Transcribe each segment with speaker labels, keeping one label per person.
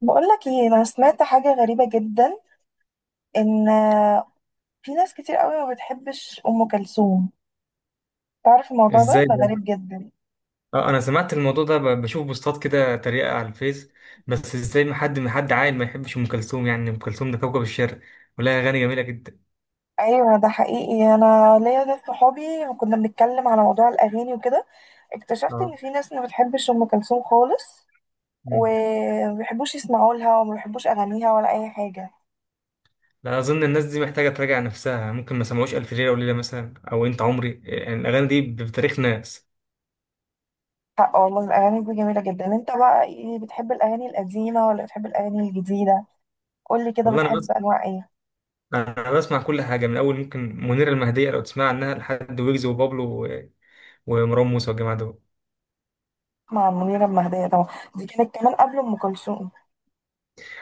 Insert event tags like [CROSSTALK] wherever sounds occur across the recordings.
Speaker 1: بقولك ايه، انا سمعت حاجة غريبة جدا. ان في ناس كتير قوي ما بتحبش ام كلثوم. تعرف الموضوع ده،
Speaker 2: ازاي ده؟
Speaker 1: غريب جدا.
Speaker 2: اه، انا سمعت الموضوع ده، بشوف بوستات كده تريقة على الفيس. بس ازاي ما حد عاقل ما يحبش ام كلثوم؟ يعني ام كلثوم ده كوكب الشرق، ولها اغاني جميلة جدا.
Speaker 1: ايوه ده حقيقي، انا ليا ناس صحابي كنا بنتكلم على موضوع الاغاني وكده، اكتشفت
Speaker 2: اه.
Speaker 1: ان في ناس ما بتحبش ام كلثوم خالص،
Speaker 2: مم.
Speaker 1: وما بيحبوش يسمعوا لها وما بيحبوش اغانيها ولا اي حاجة.
Speaker 2: لا، اظن الناس دي محتاجة تراجع نفسها. ممكن ما سمعوش الف ليلة وليلة مثلا، او انت عمري. يعني الاغاني دي بتاريخ ناس.
Speaker 1: حق والله، الاغاني دي جميلة جدا. انت بقى ايه، بتحب الاغاني القديمة ولا بتحب الاغاني الجديدة؟ قولي كده،
Speaker 2: والله انا
Speaker 1: بتحب
Speaker 2: بس،
Speaker 1: انواع ايه؟
Speaker 2: انا بسمع كل حاجة من اول ممكن. منيرة المهدية لو تسمع عنها، لحد ويجز وبابلو ومروان موسى والجماعة دول.
Speaker 1: مع منيرة المهدية طبعا، دي كانت كمان قبل أم كلثوم.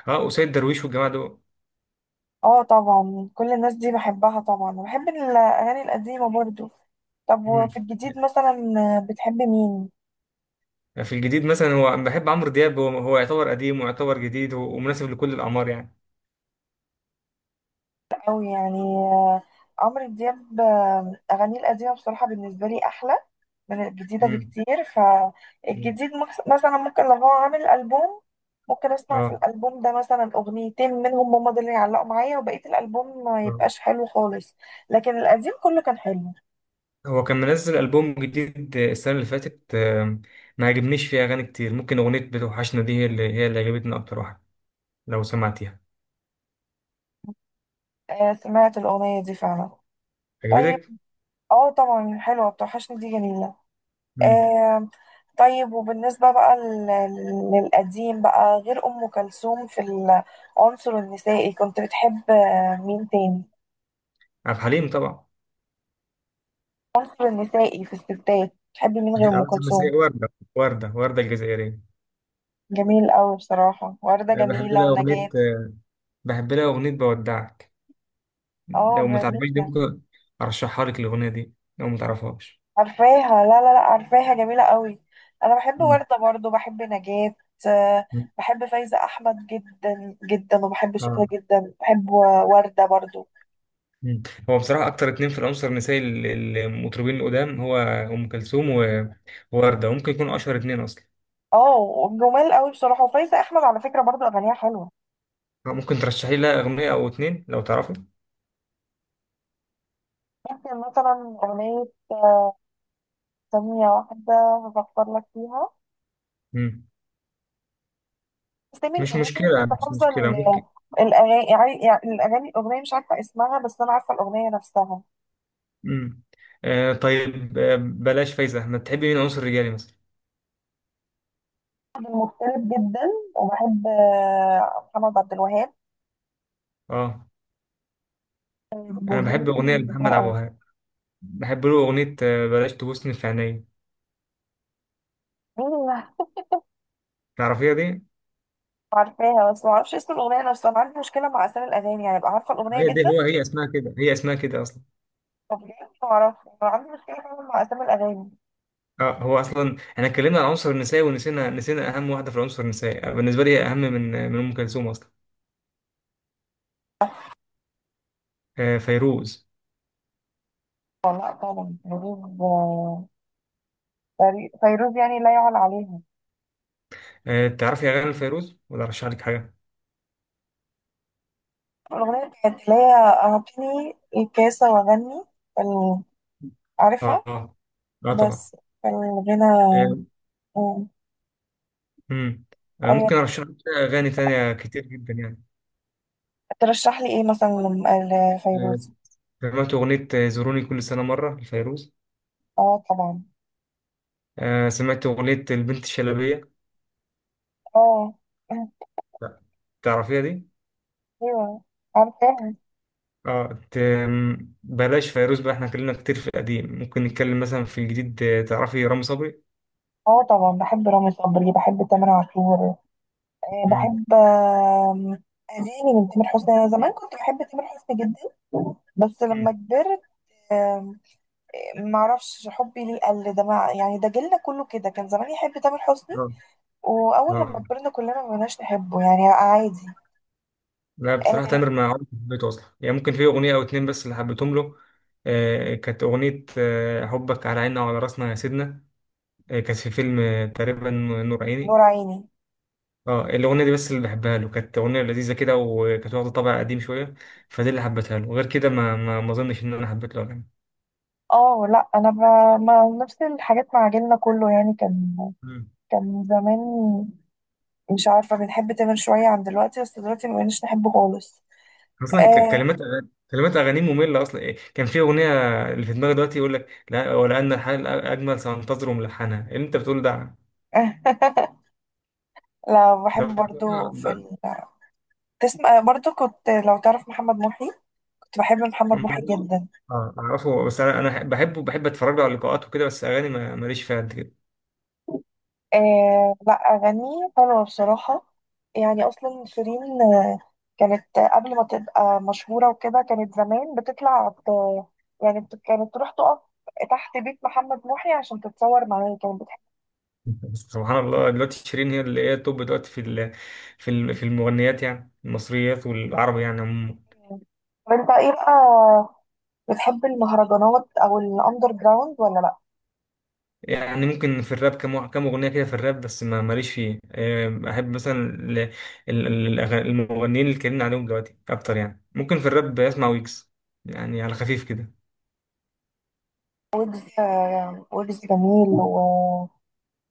Speaker 2: اه، وسيد درويش والجماعة دول.
Speaker 1: اه طبعا كل الناس دي بحبها طبعا، وبحب الأغاني القديمة برضو. طب
Speaker 2: مم.
Speaker 1: وفي الجديد مثلا بتحب مين؟
Speaker 2: في الجديد مثلا، هو بحب عمرو دياب. هو يعتبر قديم ويعتبر جديد، ومناسب لكل الأعمار يعني.
Speaker 1: أوي يعني. عمرو دياب، أغانيه القديمة بصراحة بالنسبة لي أحلى من الجديدة
Speaker 2: امم.
Speaker 1: بكتير.
Speaker 2: أمم.
Speaker 1: فالجديد مثلا ممكن لو هو عامل ألبوم، ممكن أسمع في
Speaker 2: اه.
Speaker 1: الألبوم ده مثلا أغنيتين منهم، هما دول اللي يعلقوا معايا، وبقية الألبوم ما
Speaker 2: آه.
Speaker 1: يبقاش حلو خالص. لكن القديم كله كان حلو.
Speaker 2: هو كان منزل ألبوم جديد السنة اللي فاتت، ما عجبنيش فيه أغاني كتير. ممكن أغنية بتوحشنا دي هي اللي عجبتني أكتر واحدة، لو سمعتيها.
Speaker 1: آه سمعت الأغنية دي فعلا. طيب.
Speaker 2: عجبتك؟
Speaker 1: اه طبعا حلوة، بتوحشني دي جميلة.
Speaker 2: امم.
Speaker 1: آه. طيب، وبالنسبة بقى للقديم بقى غير أم كلثوم في العنصر النسائي، كنت بتحب مين تاني؟
Speaker 2: عبد الحليم طبعا.
Speaker 1: العنصر النسائي في الستات بتحبي مين غير
Speaker 2: [LAUGHS]
Speaker 1: أم
Speaker 2: الأول
Speaker 1: كلثوم؟
Speaker 2: الثلاثية وردة. وردة الجزائرية.
Speaker 1: جميل أوي بصراحة، وردة
Speaker 2: بحب
Speaker 1: جميلة
Speaker 2: لها أغنية
Speaker 1: ونجاة.
Speaker 2: بحب لها أغنية بودعك.
Speaker 1: اه
Speaker 2: لو متعرفهاش دي،
Speaker 1: جميلة.
Speaker 2: ممكن أرشحها لك الأغنية دي لو متعرفهاش.
Speaker 1: عارفاها، لا لا لا، عارفاها جميلة قوي. انا بحب
Speaker 2: امم.
Speaker 1: وردة برضو، بحب نجاة. آه،
Speaker 2: أمم.
Speaker 1: بحب فايزة احمد جدا جدا، وبحب شكلها
Speaker 2: اه.
Speaker 1: جدا، بحب وردة برضو.
Speaker 2: مم. هو بصراحة أكتر اتنين في العنصر النسائي المطربين القدام هو أم كلثوم ووردة. ممكن يكونوا أشهر اتنين أصلا.
Speaker 1: اه جمال قوي بصراحة. وفايزة احمد على فكرة برضو اغانيها حلوة.
Speaker 2: آه، ممكن ترشحي لها أغنية أو اتنين لو تعرفي.
Speaker 1: ممكن مثلا اغنية، ثانية واحدة، هفكر لك فيها.
Speaker 2: مم.
Speaker 1: اسامي
Speaker 2: مش
Speaker 1: الاغاني مش
Speaker 2: مشكلة، مش
Speaker 1: حافظة
Speaker 2: مشكلة، ممكن.
Speaker 1: الاغاني، يعني الاغاني، الاغنية مش عارفة اسمها بس انا عارفة الاغنية نفسها.
Speaker 2: مم. طيب، بلاش فايزة. ما تحبي مين عنصر رجالي مثلا؟
Speaker 1: مختلف جدا. وبحب محمد عبد الوهاب.
Speaker 2: اه. أنا بحب أغنية لمحمد عبد
Speaker 1: أيوة.
Speaker 2: الوهاب. بحب له أغنية بلاش تبوسني في عينيا. تعرفيها دي؟
Speaker 1: عارفاها بس ما اعرفش اسم الاغنيه نفسها، انا عندي مشكله مع اسامي الاغاني، يعني ابقى عارفه الاغنيه
Speaker 2: هي دي،
Speaker 1: جدا.
Speaker 2: هي اسمها كده، هي اسمها كده أصلا.
Speaker 1: طب ليه؟ ما اعرفش، أنا عندي مشكله فعلا مع اسامي الاغاني.
Speaker 2: اه، هو اصلا احنا اتكلمنا عن العنصر النسائي ونسينا، اهم واحده في العنصر النسائي. بالنسبه لي اهم من ام كلثوم اصلا. آه، فيروز.
Speaker 1: والله طبعا فيروز. فيروز يعني لا يعلى عليها.
Speaker 2: آه، تعرفي اغاني فيروز ولا ارشح لك حاجه؟
Speaker 1: الاغنيه بتاعت اللي هي اعطيني الكاسه واغني ال-
Speaker 2: اه.
Speaker 1: عارفها.
Speaker 2: اه. آه، طبعا.
Speaker 1: بس الغنى.
Speaker 2: آه.
Speaker 1: آه،
Speaker 2: مم. آه،
Speaker 1: ايوه،
Speaker 2: ممكن ارشح لك اغاني تانية كتير جدا يعني.
Speaker 1: ترشح لي ايه مثلا
Speaker 2: آه،
Speaker 1: لفيروز؟
Speaker 2: سمعت اغنيه زوروني كل سنه مره لفيروز.
Speaker 1: اه طبعا.
Speaker 2: آه، سمعت اغنيه البنت الشلبيه.
Speaker 1: اه. [LAUGHS]
Speaker 2: لا، تعرفيها دي؟
Speaker 1: ايوه عارفاها.
Speaker 2: اه. بلاش فيروز بقى، احنا اتكلمنا كتير في القديم. ممكن نتكلم مثلا في الجديد. تعرفي رامي صبري؟
Speaker 1: اه طبعا بحب رامي صبري، بحب تامر عاشور. بحب اغاني من تامر حسني. انا زمان كنت بحب تامر حسني جدا، بس لما
Speaker 2: مم.
Speaker 1: كبرت آم، معرفش حبي ليه قل ده. مع يعني ده جيلنا كله كده، كان زمان يحب تامر حسني،
Speaker 2: اه.
Speaker 1: واول لما
Speaker 2: اه.
Speaker 1: كبرنا كلنا ما بقناش نحبه، يعني عادي.
Speaker 2: لا بصراحة،
Speaker 1: آه،
Speaker 2: تامر ما عمري ما حبيته أصلا يعني. ممكن في أغنية أو اتنين بس اللي حبيتهم له. كانت أغنية، حبك على عيننا وعلى راسنا يا سيدنا. كانت في فيلم تقريبا، نور عيني.
Speaker 1: نور عيني.
Speaker 2: اه، الأغنية دي بس اللي بحبها له. كانت أغنية لذيذة كده، وكانت واخدة طابع قديم شوية. فدي اللي حبيتها له. غير كده ما أظنش إن أنا حبيت له أغاني.
Speaker 1: اه لا، انا ما نفس الحاجات مع جيلنا كله يعني. كان
Speaker 2: مم.
Speaker 1: كان زمان مش عارفه، بنحب تامر شويه عن دلوقتي، بس دلوقتي ما بقناش نحبه خالص.
Speaker 2: أصلا
Speaker 1: آه،
Speaker 2: كلمات أغانيه مملة أصلا. إيه، كان في أغنية اللي في دماغي دلوقتي يقول لك لا، ولأن الحال أجمل سأنتظر. ملحنها إيه اللي أنت بتقول ده؟
Speaker 1: [LAUGHS] لا بحب برضو
Speaker 2: اه.
Speaker 1: تسمع برضو، كنت لو تعرف محمد محي، كنت بحب محمد محي جدا.
Speaker 2: اعرفه، بس انا بحبه، بحب اتفرج له على اللقاءات وكده، بس اغاني ماليش فيها قد كده.
Speaker 1: آه لا أغانيه حلوة بصراحة. يعني أصلا شيرين كانت قبل ما تبقى مشهورة وكده، كانت زمان بتطلع يعني كانت تروح تقف تحت بيت محمد محي عشان تتصور معاه، كانت بتحب.
Speaker 2: [LAUGHS] سبحان الله. دلوقتي شيرين هي اللي هي التوب دلوقتي في في المغنيات، يعني المصريات والعربي يعني عموما.
Speaker 1: طب انت ايه بقى، بتحب المهرجانات او الاندر جراوند ولا لا؟
Speaker 2: يعني ممكن في الراب كم اغنيه كده في الراب، بس ما ماليش فيه. احب مثلا المغنيين اللي اتكلمنا عليهم دلوقتي اكتر يعني. ممكن في الراب بسمع ويجز، يعني على خفيف كده.
Speaker 1: ويجز. ويجز جميل.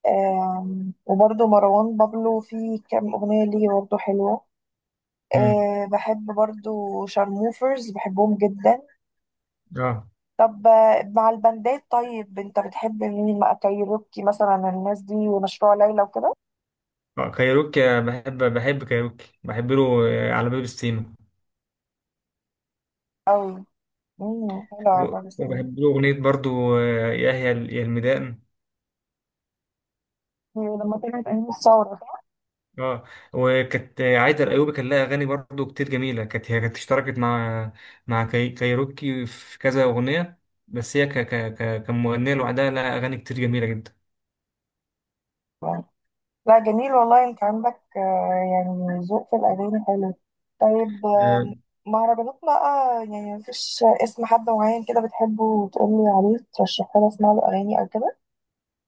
Speaker 1: وبرضه مروان بابلو في كام أغنية ليه برضه حلوة.
Speaker 2: امم.
Speaker 1: بحب برضه شارموفرز، بحبهم جدا.
Speaker 2: اه.
Speaker 1: طب مع البندات. طيب انت بتحب مين مع كايروكي مثلا، الناس دي ومشروع ليلى وكده؟
Speaker 2: كايروكي، بحب كايروكي. بحب له على باب السيما.
Speaker 1: أوي. مم، حلوة عبد الرحمن.
Speaker 2: وبحب له أغنية برضو، يا الميدان.
Speaker 1: هي لما طلعت أيام الثورة.
Speaker 2: اه. وكانت عايدة الأيوبي كان لها أغاني برضو كتير جميلة. كانت هي اشتركت مع كايروكي في كذا أغنية. بس هي ك ك ك كمغنية لوحدها لها أغاني كتير جميلة جدا.
Speaker 1: صح؟ لا جميل والله، انت عندك يعني ذوق في الاغاني حلو. طيب
Speaker 2: آه،
Speaker 1: مهرجانات بقى، يعني مفيش اسم حد معين كده بتحبه وتقولي عليه ترشحه لي اسمع له اغاني او كده؟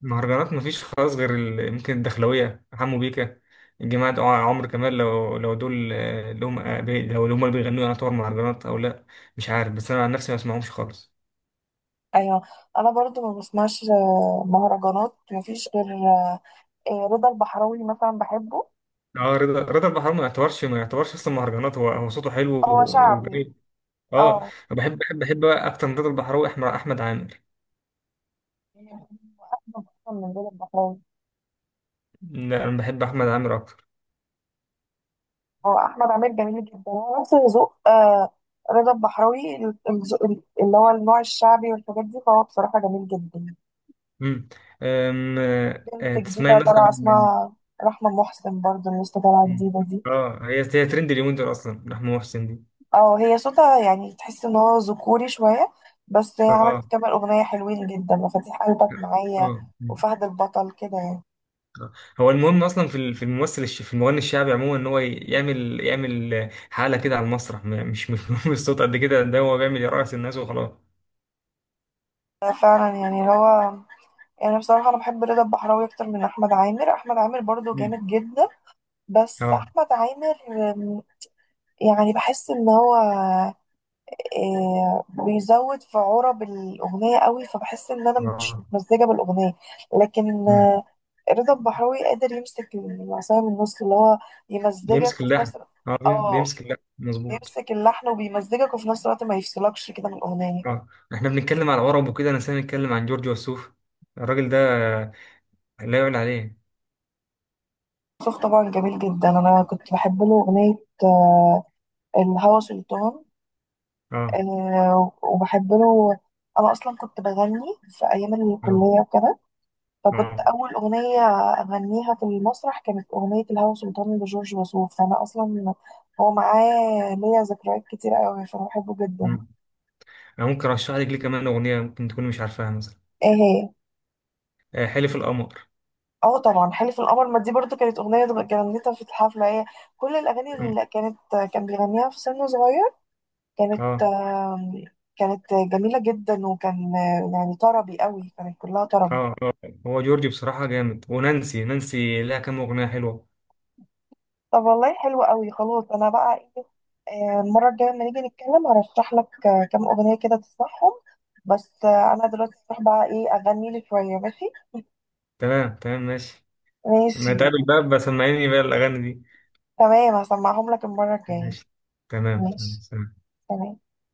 Speaker 2: مهرجانات مفيش خالص غير ممكن الدخلوية حمو بيكا، الجماعة دول. عمرو كمال، لو دول. آه، اللي هم آه، بي- لو اللي هم اللي بيغنوا يعتبر مهرجانات أو لأ؟ مش عارف، بس أنا عن نفسي ما بسمعهمش خالص.
Speaker 1: ايوه، انا برضو ما بسمعش مهرجانات. مفيش غير رضا البحراوي مثلا بحبه.
Speaker 2: اه، رضا البحراوي ما يعتبرش اصلا مهرجانات. هو صوته حلو
Speaker 1: هو شعبي.
Speaker 2: وجميل. اه، أنا
Speaker 1: اه.
Speaker 2: بحب بقى اكتر من رضا البحراوي، احمد عامر.
Speaker 1: يعني بحبه أصلاً من رضا البحراوي.
Speaker 2: لا، انا بحب احمد عامر اكتر.
Speaker 1: اه احمد عامر جميل جدا، هو نفس ذوق رضا البحراوي، الذوق اللي هو النوع الشعبي والحاجات دي، فهو بصراحه جميل جدا.
Speaker 2: امم. أم، آه، آه،
Speaker 1: بنت
Speaker 2: تسمعي
Speaker 1: جديده
Speaker 2: مثلا
Speaker 1: طالعه
Speaker 2: من-؟
Speaker 1: اسمها رحمه محسن برضو، اللي لسه طالعه
Speaker 2: مم.
Speaker 1: جديده دي.
Speaker 2: اه، هي ترند اليومين دول اصلا، محمود محسن دي.
Speaker 1: اه هي صوتها يعني تحس ان هو ذكوري شويه، بس هي
Speaker 2: اه.
Speaker 1: عملت كام اغنيه حلوين جدا، مفاتيح قلبك معايا
Speaker 2: اه.
Speaker 1: وفهد البطل، كده يعني.
Speaker 2: آه. هو المهم اصلا في في المغني الشعبي عموما، ان هو يعمل حاله كده على المسرح. مش [LAUGHS] مش مهم الصوت قد كده. ده هو بيعمل يرقص الناس وخلاص.
Speaker 1: فعلا. يعني اللي هو يعني بصراحة أنا بحب رضا البحراوي أكتر من أحمد عامر. أحمد عامر برضو
Speaker 2: مم.
Speaker 1: جامد جدا، بس
Speaker 2: اه.
Speaker 1: أحمد عامر يعني بحس ان هو بيزود في عرب الاغنيه قوي، فبحس ان انا مش
Speaker 2: اه.
Speaker 1: متمزجه بالاغنيه. لكن
Speaker 2: مم.
Speaker 1: رضا البحراوي قادر يمسك العصايه من النص، اللي هو
Speaker 2: بيمسك
Speaker 1: يمزجك وفي
Speaker 2: اللحن.
Speaker 1: نفس الوقت،
Speaker 2: اه،
Speaker 1: اه
Speaker 2: بيمسك اللحن مظبوط.
Speaker 1: بيمسك اللحن وبيمزجك، وفي نفس الوقت ما يفصلكش كده من الاغنيه.
Speaker 2: اه، احنا بنتكلم على عرب وكده، انا سامي نتكلم عن جورج وسوف. الراجل ده لا يعلى عليه.
Speaker 1: صوت طبعا جميل جدا، انا كنت بحب له اغنيه آه، الهوى سلطان.
Speaker 2: اه.
Speaker 1: وبحب له. انا اصلا كنت بغني في ايام
Speaker 2: اه.
Speaker 1: الكليه وكده، فكنت
Speaker 2: اه.
Speaker 1: أول أغنية أغنيها في المسرح كانت أغنية الهوى سلطان لجورج وسوف. فأنا أصلا هو معاه ليا ذكريات كتير أوي عشان بحبه جدا.
Speaker 2: مم. انا ممكن ارشح لك ليه كمان اغنيه ممكن تكون مش عارفاها مثلا.
Speaker 1: إيه هي؟
Speaker 2: آه، حلف القمر.
Speaker 1: اه طبعا حلف القمر. ما دي برضو كانت أغنية غنيتها في الحفلة، هي كل الأغاني
Speaker 2: مم.
Speaker 1: اللي كانت كان بيغنيها في سن صغير. كانت
Speaker 2: اه.
Speaker 1: كانت جميلة جدا، وكان يعني طربي أوي، كانت كلها طرب.
Speaker 2: اه. اه. هو جورجي بصراحة جامد، ونانسي لها كام أغنية حلوة.
Speaker 1: طب والله حلو قوي، خلاص انا بقى ايه، المره الجايه لما نيجي نتكلم هرشح لك كام اغنيه كده تسمعهم. بس انا دلوقتي هروح بقى ايه، اغني لي شويه، ماشي؟
Speaker 2: تمام، تمام، ماشي.
Speaker 1: ماشي.
Speaker 2: ما تقابل بقى بسمعيني بقى الأغاني دي.
Speaker 1: تمام. هسمعهم لك المره الجايه.
Speaker 2: ماشي. تمام، تمام،
Speaker 1: ماشي.
Speaker 2: سلام.
Speaker 1: تمام.